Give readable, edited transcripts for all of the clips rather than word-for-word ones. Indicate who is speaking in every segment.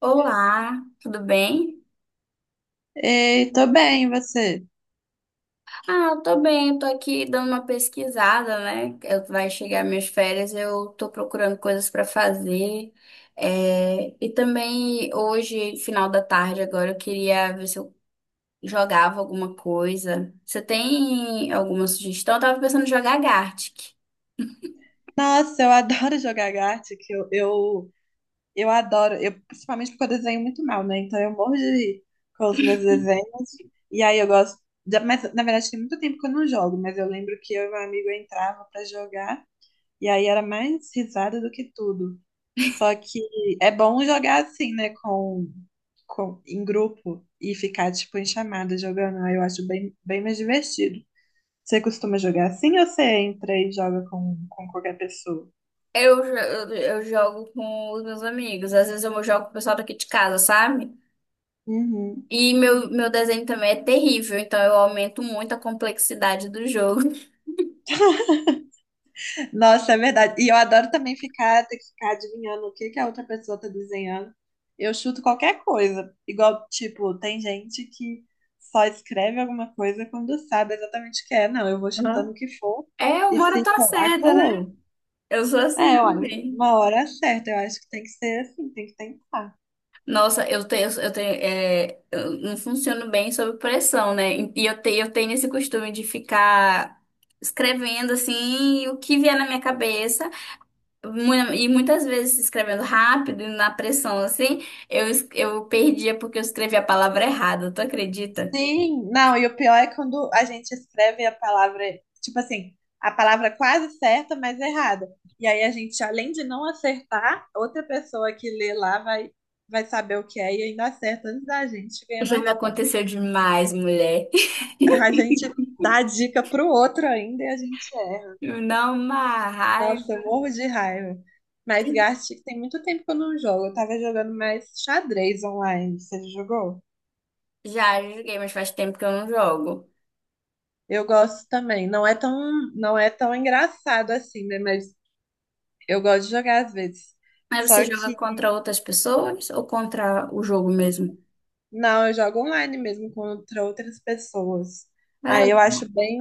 Speaker 1: Olá, tudo bem?
Speaker 2: Ei, tô bem, e você?
Speaker 1: Eu tô bem, eu tô aqui dando uma pesquisada, né? Eu, vai chegar minhas férias, eu tô procurando coisas pra fazer. É, e também hoje, final da tarde, agora eu queria ver se eu jogava alguma coisa. Você tem alguma sugestão? Eu tava pensando em jogar Gartic.
Speaker 2: Nossa, eu adoro jogar Gartic, eu adoro, eu, principalmente porque eu desenho muito mal, né? Então eu morro de rir com os meus desenhos, e aí eu gosto, mas na verdade tem muito tempo que eu não jogo, mas eu lembro que eu e meu amigo entrava pra jogar, e aí era mais risada do que tudo. Só que é bom jogar assim, né, com, em grupo, e ficar, tipo, em chamada jogando, aí eu acho bem, bem mais divertido. Você costuma jogar assim ou você entra e joga com qualquer pessoa?
Speaker 1: Eu jogo com os meus amigos, às vezes eu jogo com o pessoal daqui de casa, sabe?
Speaker 2: Uhum.
Speaker 1: E meu desenho também é terrível, então eu aumento muito a complexidade do jogo.
Speaker 2: Nossa, é verdade. E eu adoro também ficar, ter que ficar adivinhando o que que a outra pessoa tá desenhando. Eu chuto qualquer coisa. Igual, tipo, tem gente que só escreve alguma coisa quando sabe exatamente o que é. Não, eu vou chutando
Speaker 1: Aham.
Speaker 2: o que for
Speaker 1: É, eu
Speaker 2: e
Speaker 1: moro na
Speaker 2: se colar,
Speaker 1: tua, né?
Speaker 2: colou.
Speaker 1: Eu sou assim
Speaker 2: É, olha,
Speaker 1: também.
Speaker 2: uma hora é certa. Eu acho que tem que ser assim, tem que tentar.
Speaker 1: Nossa, eu não funciono bem sob pressão, né? E eu tenho esse costume de ficar escrevendo assim o que vier na minha cabeça, e muitas vezes escrevendo rápido, e na pressão assim, eu perdia porque eu escrevi a palavra errada, tu acredita?
Speaker 2: Sim, não, e o pior é quando a gente escreve a palavra, tipo assim, a palavra quase certa, mas errada. E aí a gente, além de não acertar, outra pessoa que lê lá vai, vai saber o que é e ainda acerta antes da gente ganha
Speaker 1: Já me
Speaker 2: mais ponto.
Speaker 1: aconteceu demais, mulher.
Speaker 2: A gente dá a dica pro outro ainda e a gente erra.
Speaker 1: Não, uma
Speaker 2: Nossa,
Speaker 1: raiva.
Speaker 2: eu morro de raiva. Mas Gartic tem muito tempo que eu não jogo. Eu tava jogando mais xadrez online. Você já jogou?
Speaker 1: Já joguei, mas faz tempo que eu não jogo.
Speaker 2: Eu gosto também. Não é tão engraçado assim, né? Mas eu gosto de jogar às vezes.
Speaker 1: Aí você
Speaker 2: Só
Speaker 1: joga
Speaker 2: que,
Speaker 1: contra outras pessoas ou contra o jogo mesmo?
Speaker 2: não, eu jogo online mesmo contra outras pessoas.
Speaker 1: É.
Speaker 2: Aí eu acho bem.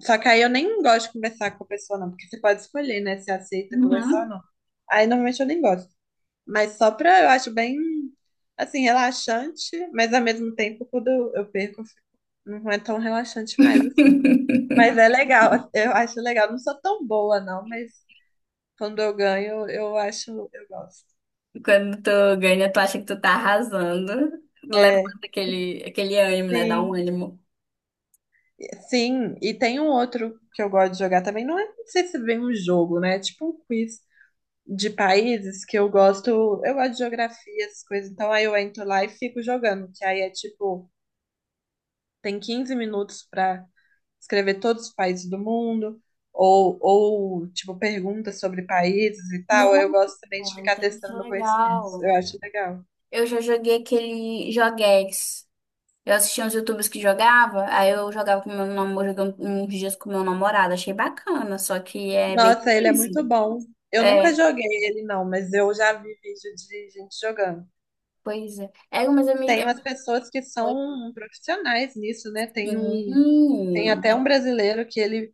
Speaker 2: Só que aí eu nem gosto de conversar com a pessoa, não, porque você pode escolher, né, se aceita conversar ou
Speaker 1: Uhum.
Speaker 2: não. Aí normalmente eu nem gosto. Mas só pra, eu acho bem, assim, relaxante, mas ao mesmo tempo, quando eu perco, não é tão relaxante mais, assim. Mas é legal, eu acho legal. Não sou tão boa, não, mas quando eu ganho, eu acho, eu gosto.
Speaker 1: Quando tu ganha, tu acha que tu tá arrasando.
Speaker 2: É,
Speaker 1: Levanta aquele ânimo, né? Dá um
Speaker 2: sim.
Speaker 1: ânimo.
Speaker 2: Sim, e tem um outro que eu gosto de jogar também. Não, é, não sei se vem um jogo, né? É tipo um quiz de países que eu gosto. Eu gosto de geografia, essas coisas. Então aí eu entro lá e fico jogando. Que aí é tipo, tem 15 minutos pra escrever todos os países do mundo. Ou tipo, perguntas sobre países e tal. Eu gosto também de
Speaker 1: Nossa,
Speaker 2: ficar
Speaker 1: entendi, que
Speaker 2: testando conhecimentos.
Speaker 1: legal.
Speaker 2: Eu acho legal.
Speaker 1: Eu já joguei aquele joguex. Eu assistia uns YouTubers que jogava, aí eu jogava com meu namorado, jogava uns dias com meu namorado. Achei bacana, só que é bem
Speaker 2: Nossa, ele é muito
Speaker 1: difícil.
Speaker 2: bom. Eu nunca
Speaker 1: É,
Speaker 2: joguei ele, não, mas eu já vi vídeo de gente jogando.
Speaker 1: pois é.
Speaker 2: Tem umas pessoas que são profissionais nisso, né? Tem
Speaker 1: Sim.
Speaker 2: até um brasileiro que ele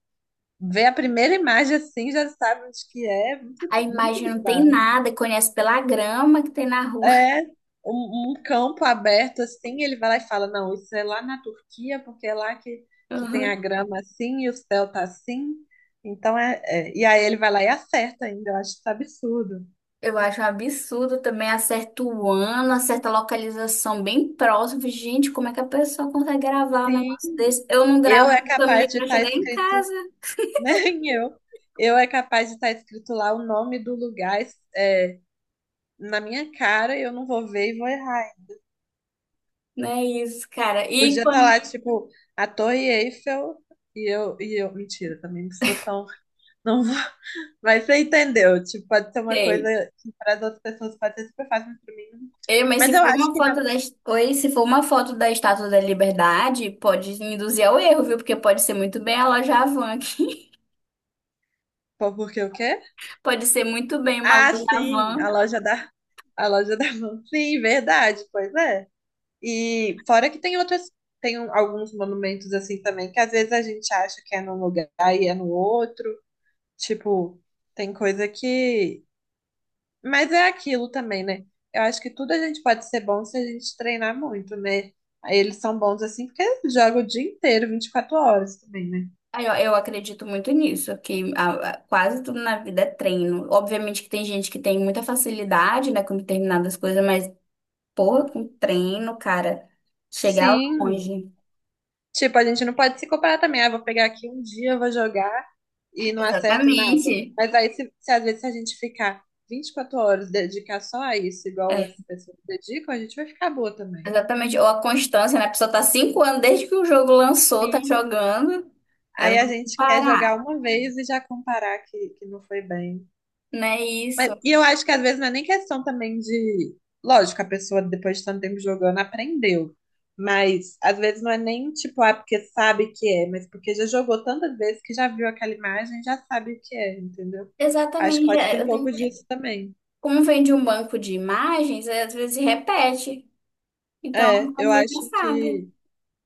Speaker 2: vê a primeira imagem assim, já sabe onde que é, muito,
Speaker 1: A
Speaker 2: muito
Speaker 1: imagem não tem
Speaker 2: bizarro.
Speaker 1: nada, conhece pela grama que tem na rua.
Speaker 2: É um campo aberto assim, ele vai lá e fala, não, isso é lá na Turquia, porque é lá que tem
Speaker 1: Uhum.
Speaker 2: a grama assim e o céu tá assim. Então e aí ele vai lá e acerta ainda, eu acho isso absurdo.
Speaker 1: Eu acho um absurdo também, acerta o ano, acerta a localização bem próximo. Gente, como é que a pessoa consegue gravar um
Speaker 2: Sim,
Speaker 1: negócio desse? Eu não
Speaker 2: eu
Speaker 1: gravo
Speaker 2: é
Speaker 1: o
Speaker 2: capaz
Speaker 1: caminho
Speaker 2: de
Speaker 1: para
Speaker 2: estar
Speaker 1: chegar em
Speaker 2: escrito
Speaker 1: casa.
Speaker 2: Nem eu. Eu é capaz de estar escrito lá o nome do lugar é, na minha cara e eu não vou ver e vou errar. Hein?
Speaker 1: Não é isso, cara. E
Speaker 2: Podia estar
Speaker 1: quando
Speaker 2: lá, tipo, a Torre Eiffel e eu. Mentira, também não sou tão. Não vou. Mas você entendeu? Tipo, pode ser uma
Speaker 1: tem?
Speaker 2: coisa que para as outras pessoas pode ser super fácil, mas para mim.
Speaker 1: Ei, mas
Speaker 2: Mas
Speaker 1: se
Speaker 2: eu
Speaker 1: for
Speaker 2: acho
Speaker 1: uma
Speaker 2: que na.
Speaker 1: foto da... est- Oi, se for uma foto da Estátua da Liberdade, pode induzir ao erro, viu? Porque pode ser muito bem a loja Havan aqui.
Speaker 2: Pô, porque o quê?
Speaker 1: Pode ser muito bem uma
Speaker 2: Ah,
Speaker 1: loja
Speaker 2: sim,
Speaker 1: Havan.
Speaker 2: a loja da. A loja da mão. Sim, verdade, pois é. E fora que tem outras, alguns monumentos assim também, que às vezes a gente acha que é num lugar e é no outro. Tipo, tem coisa que. Mas é aquilo também, né? Eu acho que tudo a gente pode ser bom se a gente treinar muito, né? Aí eles são bons assim porque jogam o dia inteiro, 24 horas também, né?
Speaker 1: Aí, ó, eu acredito muito nisso, que quase tudo na vida é treino. Obviamente que tem gente que tem muita facilidade, né, com determinadas coisas, mas, porra, com treino, cara, chegar
Speaker 2: Sim,
Speaker 1: longe.
Speaker 2: tipo, a gente não pode se comparar também. Ah, vou pegar aqui um dia, vou jogar e não acerto nada.
Speaker 1: Exatamente.
Speaker 2: Mas aí, se às vezes se a gente ficar 24 horas, dedicar só a isso, igual
Speaker 1: É,
Speaker 2: essas pessoas dedicam, a gente vai ficar boa também.
Speaker 1: exatamente. Ou a constância, né? A pessoa tá 5 anos desde que o jogo lançou, tá jogando. Aí
Speaker 2: Aí a
Speaker 1: vamos
Speaker 2: gente quer jogar
Speaker 1: parar,
Speaker 2: uma vez e já comparar que não foi bem.
Speaker 1: né?
Speaker 2: Mas,
Speaker 1: Isso.
Speaker 2: e eu acho que às vezes não é nem questão também de. Lógico, a pessoa depois de tanto tempo jogando aprendeu. Mas às vezes não é nem tipo, ah, porque sabe que é, mas porque já jogou tantas vezes que já viu aquela imagem, já sabe o que é, entendeu? Acho que
Speaker 1: Exatamente.
Speaker 2: pode ter um pouco disso também.
Speaker 1: Como vem de um banco de imagens, é, às vezes repete. Então,
Speaker 2: É,
Speaker 1: não
Speaker 2: eu
Speaker 1: vê o
Speaker 2: acho que
Speaker 1: sabe.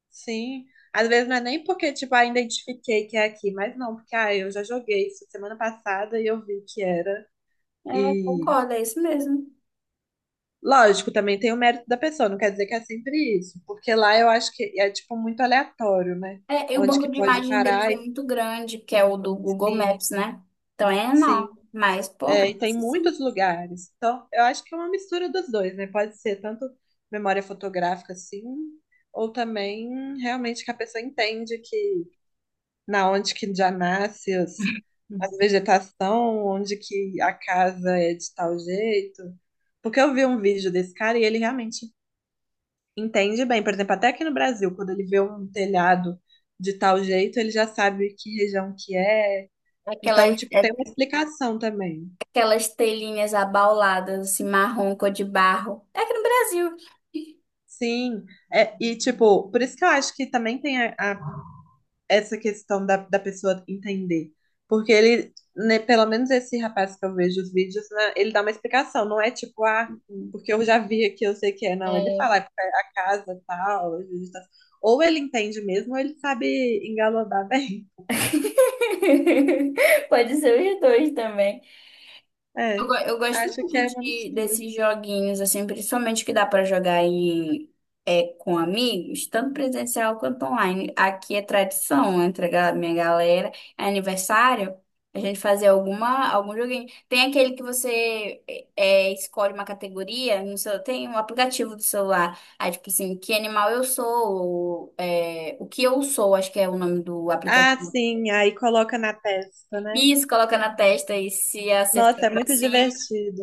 Speaker 2: sim. Às vezes não é nem porque, tipo, ah, identifiquei que é aqui, mas não, porque ah, eu já joguei isso semana passada e eu vi que era.
Speaker 1: É, concordo, é isso mesmo.
Speaker 2: Lógico, também tem o mérito da pessoa, não quer dizer que é sempre isso, porque lá eu acho que é tipo muito aleatório, né?
Speaker 1: É, e o
Speaker 2: Onde
Speaker 1: banco
Speaker 2: que
Speaker 1: de
Speaker 2: pode
Speaker 1: imagem deles
Speaker 2: parar
Speaker 1: é
Speaker 2: e
Speaker 1: muito grande, que é o do Google
Speaker 2: sim,
Speaker 1: Maps, né? Então é
Speaker 2: sim,
Speaker 1: enorme, mas
Speaker 2: é, e
Speaker 1: pouco,
Speaker 2: tem muitos
Speaker 1: sim.
Speaker 2: lugares. Então, eu acho que é uma mistura dos dois, né? Pode ser tanto memória fotográfica assim, ou também realmente que a pessoa entende que na onde que já nasce as, as vegetação, onde que a casa é de tal jeito. Porque eu vi um vídeo desse cara e ele realmente entende bem, por exemplo, até aqui no Brasil, quando ele vê um telhado de tal jeito, ele já sabe que região que é. Então,
Speaker 1: Aquelas,
Speaker 2: tipo,
Speaker 1: é-
Speaker 2: tem uma explicação também.
Speaker 1: aquelas telhinhas abauladas, assim, marrom, cor de barro. É aqui no Brasil.
Speaker 2: Sim, é, e tipo, por isso que eu acho que também tem essa questão da pessoa entender. Porque ele, né, pelo menos esse rapaz que eu vejo os vídeos, né, ele dá uma explicação, não é tipo, ah, porque eu já vi aqui, eu sei que é. Não, ele fala, é
Speaker 1: É.
Speaker 2: porque é a casa tal, a vegetação. Ou ele entende mesmo, ou ele sabe engabelodar bem.
Speaker 1: Pode ser os dois também.
Speaker 2: É,
Speaker 1: Eu gosto
Speaker 2: acho que
Speaker 1: muito
Speaker 2: é uma
Speaker 1: de,
Speaker 2: mistura.
Speaker 1: desses joguinhos, assim, principalmente que dá para jogar em, é, com amigos, tanto presencial quanto online. Aqui é tradição entre minha galera, é aniversário, a gente fazer alguma, algum joguinho. Tem aquele que escolhe uma categoria, no seu, tem um aplicativo do celular, aí tipo assim, que animal eu sou, ou, é, o que eu sou, acho que é o nome do
Speaker 2: Ah,
Speaker 1: aplicativo.
Speaker 2: sim, aí coloca na testa, né?
Speaker 1: Isso, coloca na testa e se
Speaker 2: Nossa,
Speaker 1: acertar
Speaker 2: é
Speaker 1: pra
Speaker 2: muito
Speaker 1: cima.
Speaker 2: divertido.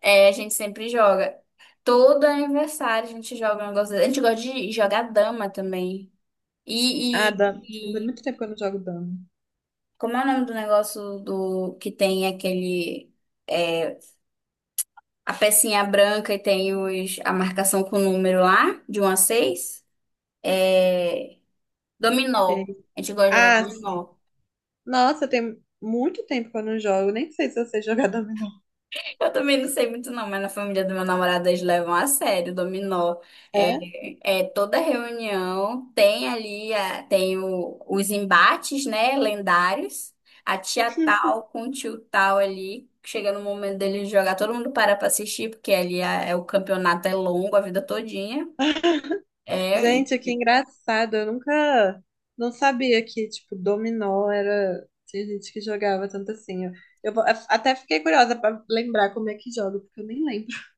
Speaker 1: É, a gente sempre joga. Todo aniversário a gente joga um negócio desse. A gente gosta de jogar dama também. E,
Speaker 2: Ah,
Speaker 1: e,
Speaker 2: dama. Tem
Speaker 1: e
Speaker 2: muito tempo que eu não jogo dama.
Speaker 1: como é o nome do negócio do que tem aquele, é, a pecinha branca e tem os, a marcação com o número lá, de um a seis. É,
Speaker 2: É.
Speaker 1: dominó. A gente gosta de jogar
Speaker 2: Ah, sim.
Speaker 1: dominó.
Speaker 2: Nossa, tem muito tempo que eu não jogo. Nem sei se eu sei jogar dominó.
Speaker 1: Eu também não sei muito não, mas na família do meu namorado eles levam a sério o dominó. É,
Speaker 2: É?
Speaker 1: é, toda reunião tem ali tem os embates, né, lendários. A tia tal com o tio tal ali, chega no momento dele jogar, todo mundo para para assistir, porque ali é, o campeonato é longo, a vida todinha. É,
Speaker 2: Gente, que engraçado. Eu nunca... Não sabia que, tipo, dominó era... Tinha gente que jogava tanto assim. Eu vou- até fiquei curiosa pra lembrar como é que joga, porque eu nem lembro.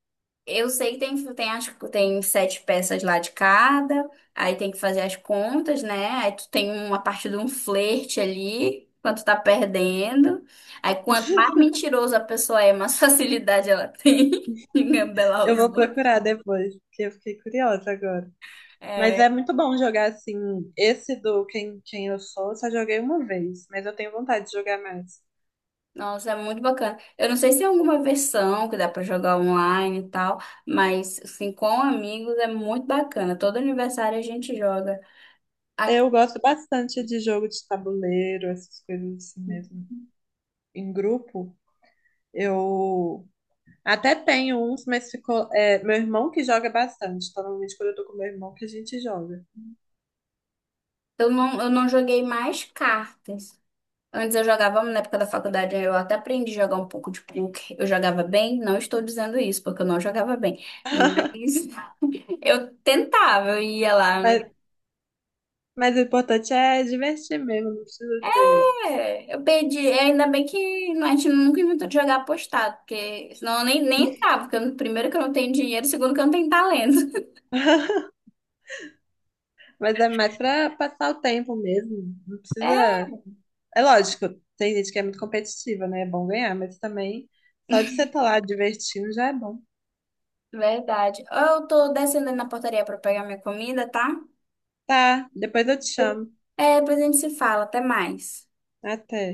Speaker 1: eu sei que tem 7 peças lá de cada, aí tem que fazer as contas, né? Aí tu tem uma parte de um flerte ali, quanto tá perdendo. Aí quanto mais mentiroso a pessoa é, mais facilidade ela tem em gambelar
Speaker 2: Eu
Speaker 1: os
Speaker 2: vou
Speaker 1: outros.
Speaker 2: procurar depois, porque eu fiquei curiosa agora. Mas é
Speaker 1: É,
Speaker 2: muito bom jogar assim. Esse do Quem Eu Sou, eu só joguei uma vez, mas eu tenho vontade de jogar mais.
Speaker 1: nossa, é muito bacana. Eu não sei se é alguma versão que dá pra jogar online e tal, mas assim, com amigos é muito bacana. Todo aniversário a gente joga. A-
Speaker 2: Eu gosto bastante de jogo de tabuleiro, essas coisas assim mesmo. Em grupo, eu até tenho uns, mas ficou. É, meu irmão que joga bastante. Então, normalmente, quando eu tô com meu irmão, que a gente joga.
Speaker 1: eu não, eu não joguei mais cartas. Antes eu jogava, na época da faculdade, eu até aprendi a jogar um pouco de poker. Eu jogava bem, não estou dizendo isso, porque eu não jogava bem. Mas eu tentava, eu ia lá.
Speaker 2: Mas, mas o importante é divertir mesmo, não precisa ser.
Speaker 1: É, eu perdi. É, ainda bem que a gente nunca inventou de jogar apostado, porque senão eu nem, nem entrava. Porque eu- primeiro que eu não tenho dinheiro, segundo que eu não tenho talento.
Speaker 2: Mas é mais pra passar o tempo mesmo. Não
Speaker 1: É,
Speaker 2: precisa. É lógico, tem gente que é muito competitiva, né? É bom ganhar, mas também só de você estar lá divertindo já é bom.
Speaker 1: verdade. Eu tô descendo ali na portaria para pegar minha comida, tá?
Speaker 2: Tá, depois eu te chamo.
Speaker 1: É, depois a gente se fala. Até mais.
Speaker 2: Até.